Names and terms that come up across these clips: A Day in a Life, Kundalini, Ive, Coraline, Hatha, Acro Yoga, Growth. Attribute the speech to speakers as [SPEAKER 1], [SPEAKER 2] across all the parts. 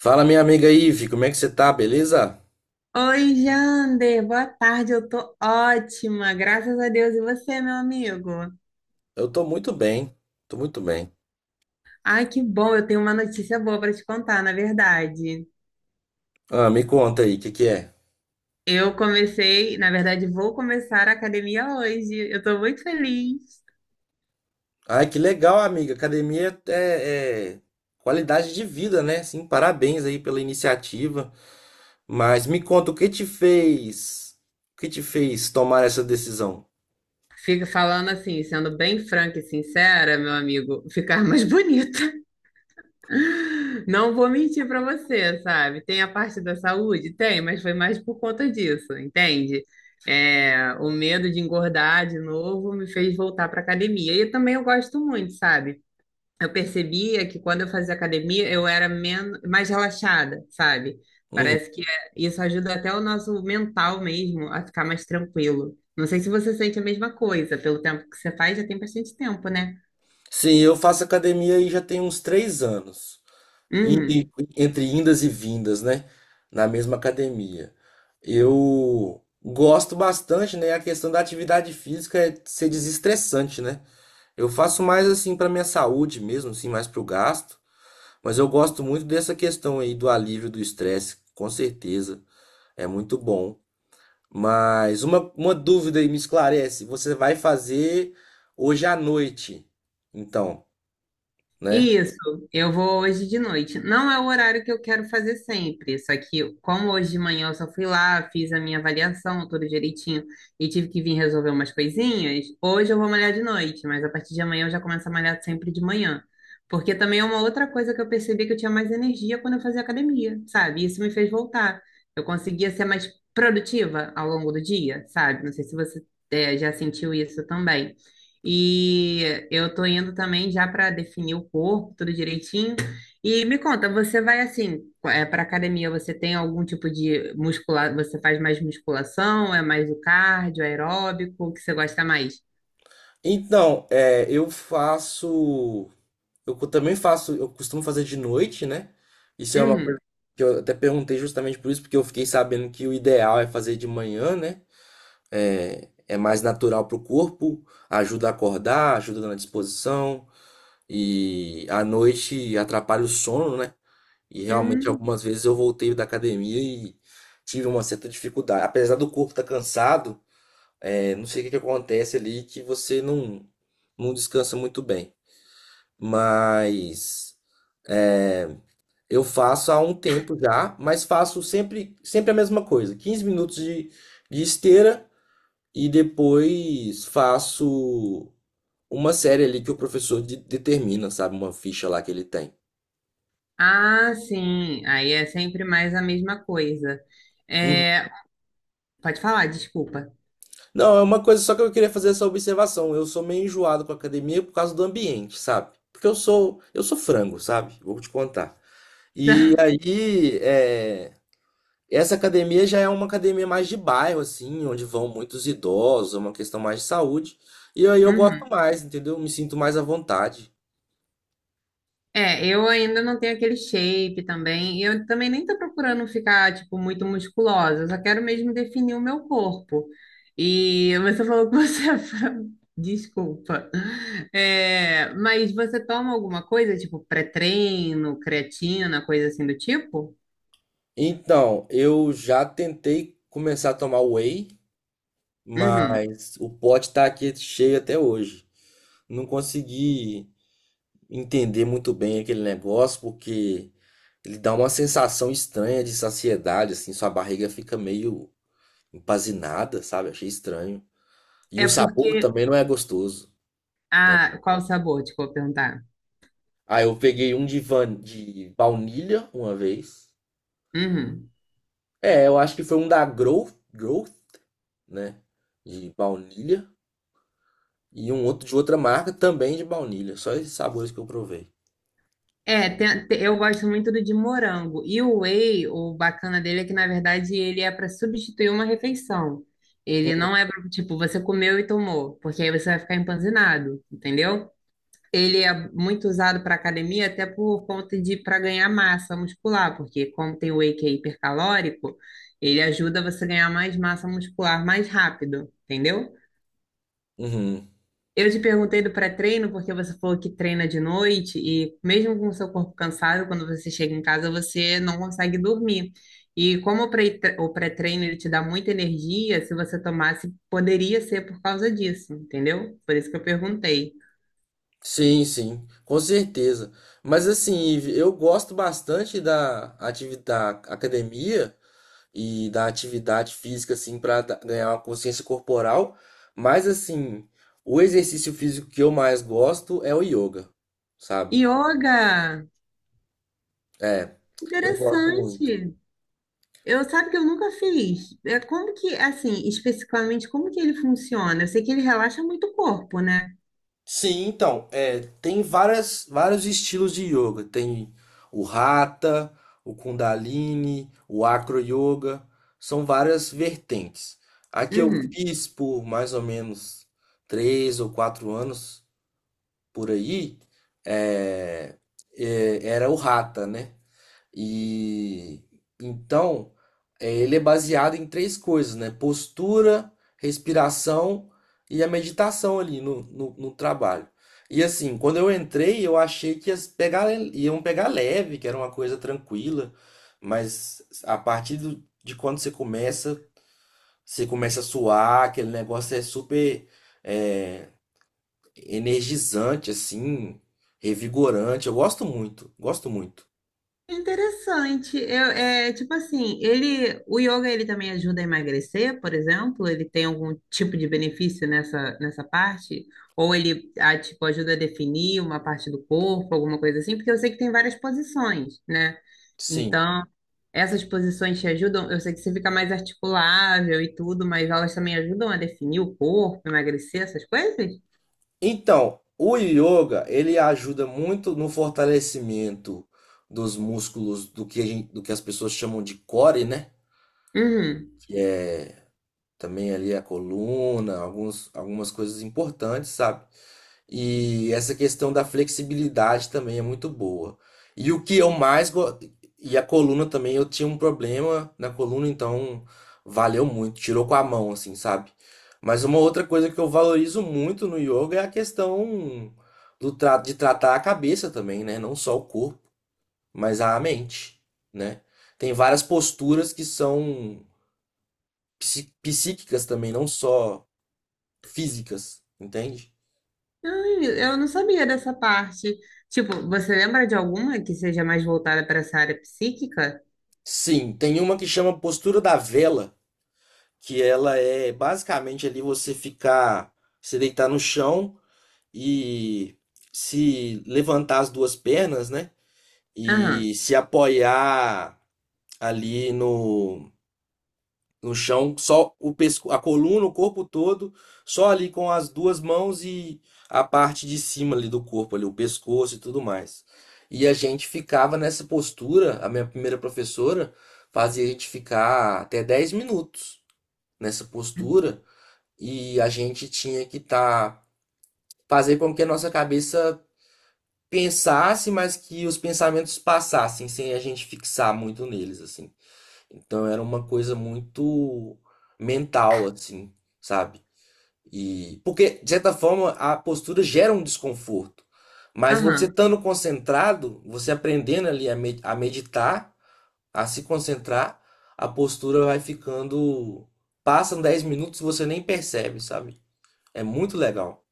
[SPEAKER 1] Fala, minha amiga Ive, como é que você tá, beleza?
[SPEAKER 2] Oi, Jander, boa tarde, eu tô ótima, graças a Deus. E você, meu amigo?
[SPEAKER 1] Eu tô muito bem, tô muito bem.
[SPEAKER 2] Ai, que bom, eu tenho uma notícia boa para te contar, na verdade.
[SPEAKER 1] Ah, me conta aí, o que que é?
[SPEAKER 2] Eu comecei, na verdade, vou começar a academia hoje. Eu tô muito feliz.
[SPEAKER 1] Ai, que legal, amiga. Academia é qualidade de vida, né? Sim, parabéns aí pela iniciativa. Mas me conta, o que te fez tomar essa decisão?
[SPEAKER 2] Fico falando assim, sendo bem franca e sincera, meu amigo, ficar mais bonita. Não vou mentir pra você, sabe? Tem a parte da saúde? Tem, mas foi mais por conta disso, entende? É, o medo de engordar de novo me fez voltar pra academia. E também eu gosto muito, sabe? Eu percebia que quando eu fazia academia eu era menos, mais relaxada, sabe?
[SPEAKER 1] Uhum.
[SPEAKER 2] Parece que isso ajuda até o nosso mental mesmo a ficar mais tranquilo. Não sei se você sente a mesma coisa, pelo tempo que você faz, já tem bastante tempo, né?
[SPEAKER 1] Sim, eu faço academia aí já tem uns 3 anos. E,
[SPEAKER 2] Uhum.
[SPEAKER 1] e- Entre indas e vindas, né? Na mesma academia. Eu gosto bastante, né? A questão da atividade física é ser desestressante, né? Eu faço mais assim para minha saúde mesmo, assim, mais para o gasto. Mas eu gosto muito dessa questão aí do alívio do estresse, com certeza. É muito bom. Mas uma dúvida aí me esclarece. Você vai fazer hoje à noite, então, né?
[SPEAKER 2] Isso, eu vou hoje de noite. Não é o horário que eu quero fazer sempre, só que como hoje de manhã eu só fui lá, fiz a minha avaliação tudo direitinho e tive que vir resolver umas coisinhas, hoje eu vou malhar de noite, mas a partir de amanhã eu já começo a malhar sempre de manhã. Porque também é uma outra coisa que eu percebi que eu tinha mais energia quando eu fazia academia, sabe? Isso me fez voltar. Eu conseguia ser mais produtiva ao longo do dia, sabe? Não sei se você já sentiu isso também. E eu tô indo também já para definir o corpo, tudo direitinho. E me conta, você vai assim, é, para academia, você tem algum tipo de muscular, você faz mais musculação, é mais o cardio, aeróbico, o que você gosta mais?
[SPEAKER 1] Então, eu faço. Também faço, eu costumo fazer de noite, né? Isso é uma coisa
[SPEAKER 2] Uhum.
[SPEAKER 1] que eu até perguntei justamente por isso, porque eu fiquei sabendo que o ideal é fazer de manhã, né? É mais natural para o corpo, ajuda a acordar, ajuda na disposição, e à noite atrapalha o sono, né? E realmente
[SPEAKER 2] Uhum.
[SPEAKER 1] algumas vezes eu voltei da academia e tive uma certa dificuldade. Apesar do corpo estar cansado, não sei o que que acontece ali que você não, não descansa muito bem. Mas. Eu faço há um tempo já, mas faço sempre, sempre a mesma coisa. 15 minutos de esteira e depois faço uma série ali que o professor determina, sabe? Uma ficha lá que ele tem.
[SPEAKER 2] Ah, sim. Aí é sempre mais a mesma coisa.
[SPEAKER 1] Uhum.
[SPEAKER 2] É, pode falar, desculpa.
[SPEAKER 1] Não, é uma coisa só que eu queria fazer essa observação. Eu sou meio enjoado com a academia por causa do ambiente, sabe? Porque eu sou frango, sabe? Vou te contar. E aí, é, Essa academia já é uma academia mais de bairro, assim, onde vão muitos idosos, é uma questão mais de saúde. E aí eu gosto
[SPEAKER 2] Uhum.
[SPEAKER 1] mais, entendeu? Me sinto mais à vontade.
[SPEAKER 2] É, eu ainda não tenho aquele shape também. E eu também nem tô procurando ficar, tipo, muito musculosa. Eu só quero mesmo definir o meu corpo. E você falou que você é Desculpa. É, mas você toma alguma coisa, tipo, pré-treino, creatina, coisa assim do tipo?
[SPEAKER 1] Então, eu já tentei começar a tomar whey,
[SPEAKER 2] Uhum.
[SPEAKER 1] mas o pote tá aqui cheio até hoje. Não consegui entender muito bem aquele negócio, porque ele dá uma sensação estranha de saciedade, assim, sua barriga fica meio empanzinada, sabe? Achei estranho. E
[SPEAKER 2] É
[SPEAKER 1] o
[SPEAKER 2] porque...
[SPEAKER 1] sabor também não é gostoso.
[SPEAKER 2] Ah, qual o sabor? Desculpa perguntar.
[SPEAKER 1] Ah, eu peguei um de baunilha uma vez.
[SPEAKER 2] Uhum.
[SPEAKER 1] É, eu acho que foi um da Growth, né? De baunilha. E um outro de outra marca também de baunilha. Só esses sabores que eu provei.
[SPEAKER 2] É, eu gosto muito do de morango. E o whey, o bacana dele é que, na verdade, ele é para substituir uma refeição. Ele não é para, tipo, você comeu e tomou, porque aí você vai ficar empanzinado, entendeu? Ele é muito usado para academia, até por conta de para ganhar massa muscular, porque como tem whey que é hipercalórico, ele ajuda você a ganhar mais massa muscular mais rápido, entendeu?
[SPEAKER 1] Uhum.
[SPEAKER 2] Eu te perguntei do pré-treino porque você falou que treina de noite e mesmo com o seu corpo cansado, quando você chega em casa, você não consegue dormir. E como o o pré-treino ele te dá muita energia, se você tomasse, poderia ser por causa disso, entendeu? Por isso que eu perguntei.
[SPEAKER 1] Sim, sim, com certeza. Mas assim, Ive, eu gosto bastante da atividade da academia e da atividade física, assim, para ganhar uma consciência corporal. Mas assim, o exercício físico que eu mais gosto é o yoga, sabe?
[SPEAKER 2] Yoga!
[SPEAKER 1] É, eu gosto muito.
[SPEAKER 2] Interessante! Eu sabe que eu nunca fiz. É como que, assim, especificamente, como que ele funciona? Eu sei que ele relaxa muito o corpo, né?
[SPEAKER 1] Sim, então, tem vários estilos de yoga. Tem o Hatha, o Kundalini, o Acro Yoga. São várias vertentes. A que eu
[SPEAKER 2] Uhum.
[SPEAKER 1] fiz por mais ou menos 3 ou 4 anos por aí, é, era o Hatha, né? E então, é, ele é baseado em três coisas, né? Postura, respiração e a meditação ali no trabalho. E assim, quando eu entrei, eu achei que ia iam pegar leve, que era uma coisa tranquila, mas a partir de quando você começa a suar, aquele negócio é super é, energizante, assim, revigorante. Eu gosto muito, gosto muito.
[SPEAKER 2] Interessante. Eu, é, tipo assim, ele, o yoga ele também ajuda a emagrecer, por exemplo? Ele tem algum tipo de benefício nessa, nessa parte? Ou ele, ah, tipo, ajuda a definir uma parte do corpo, alguma coisa assim? Porque eu sei que tem várias posições, né?
[SPEAKER 1] Sim.
[SPEAKER 2] Então, essas posições te ajudam. Eu sei que você fica mais articulável e tudo, mas elas também ajudam a definir o corpo, emagrecer, essas coisas?
[SPEAKER 1] Então, o yoga, ele ajuda muito no fortalecimento dos músculos do que, do que as pessoas chamam de core, né?
[SPEAKER 2] Uhum.
[SPEAKER 1] Também ali a coluna, algumas coisas importantes, sabe? E essa questão da flexibilidade também é muito boa. E o que eu mais go... E a coluna também, eu tinha um problema na coluna, então valeu muito, tirou com a mão assim, sabe? Mas uma outra coisa que eu valorizo muito no yoga é a questão de tratar a cabeça também, né? Não só o corpo, mas a mente, né? Tem várias posturas que são psíquicas também, não só físicas, entende?
[SPEAKER 2] Ai, eu não sabia dessa parte. Tipo, você lembra de alguma que seja mais voltada para essa área psíquica?
[SPEAKER 1] Sim, tem uma que chama postura da vela, que ela é basicamente ali você ficar, se deitar no chão e se levantar as duas pernas, né?
[SPEAKER 2] Aham,
[SPEAKER 1] E se apoiar ali no chão, só o pesco, a coluna, o corpo todo, só ali com as duas mãos e a parte de cima ali do corpo, ali, o pescoço e tudo mais. E a gente ficava nessa postura, a minha primeira professora fazia a gente ficar até 10 minutos nessa postura e a gente tinha que tá fazer com que a nossa cabeça pensasse, mas que os pensamentos passassem sem a gente fixar muito neles assim. Então era uma coisa muito mental, assim, sabe? E porque, de certa forma, a postura gera um desconforto. Mas você
[SPEAKER 2] aham.
[SPEAKER 1] estando concentrado, você aprendendo ali a meditar, a se concentrar, a postura vai ficando. Passam 10 minutos e você nem percebe, sabe? É muito legal.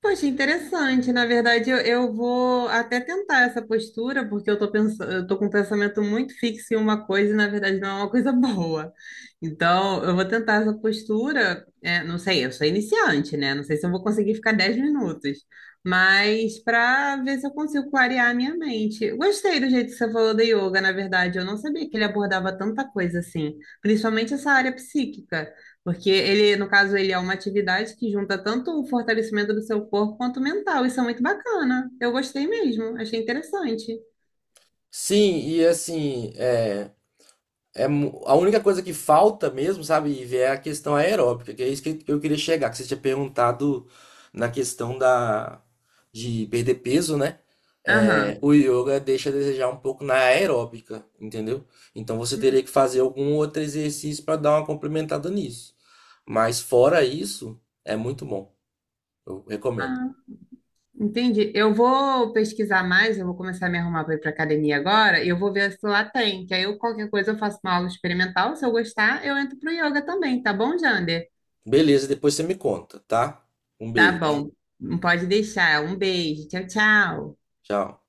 [SPEAKER 2] Poxa, interessante. Na verdade, eu vou até tentar essa postura, porque eu tô pensando, eu tô com um pensamento muito fixo em uma coisa e, na verdade, não é uma coisa boa. Então, eu vou tentar essa postura. É, não sei, eu sou iniciante, né? Não sei se eu vou conseguir ficar 10 minutos, mas para ver se eu consigo clarear a minha mente. Gostei do jeito que você falou da yoga, na verdade. Eu não sabia que ele abordava tanta coisa assim, principalmente essa área psíquica. Porque ele, no caso, ele é uma atividade que junta tanto o fortalecimento do seu corpo quanto o mental. Isso é muito bacana. Eu gostei mesmo, achei interessante.
[SPEAKER 1] Sim, e assim, a única coisa que falta mesmo, sabe, Ivi, é a questão aeróbica, que é isso que eu queria chegar, que você tinha perguntado na de perder peso, né?
[SPEAKER 2] Aham.
[SPEAKER 1] É, o yoga deixa a desejar um pouco na aeróbica, entendeu? Então você teria que fazer algum outro exercício para dar uma complementada nisso. Mas fora isso, é muito bom. Eu recomendo.
[SPEAKER 2] Ah, entendi. Eu vou pesquisar mais, eu vou começar a me arrumar para ir para academia agora e eu vou ver se lá tem, que aí eu, qualquer coisa eu faço uma aula experimental, se eu gostar, eu entro pro yoga também, tá bom, Jander?
[SPEAKER 1] Beleza, depois você me conta, tá? Um
[SPEAKER 2] Tá
[SPEAKER 1] beijo.
[SPEAKER 2] bom. Não pode deixar. Um beijo. Tchau, tchau.
[SPEAKER 1] Tchau.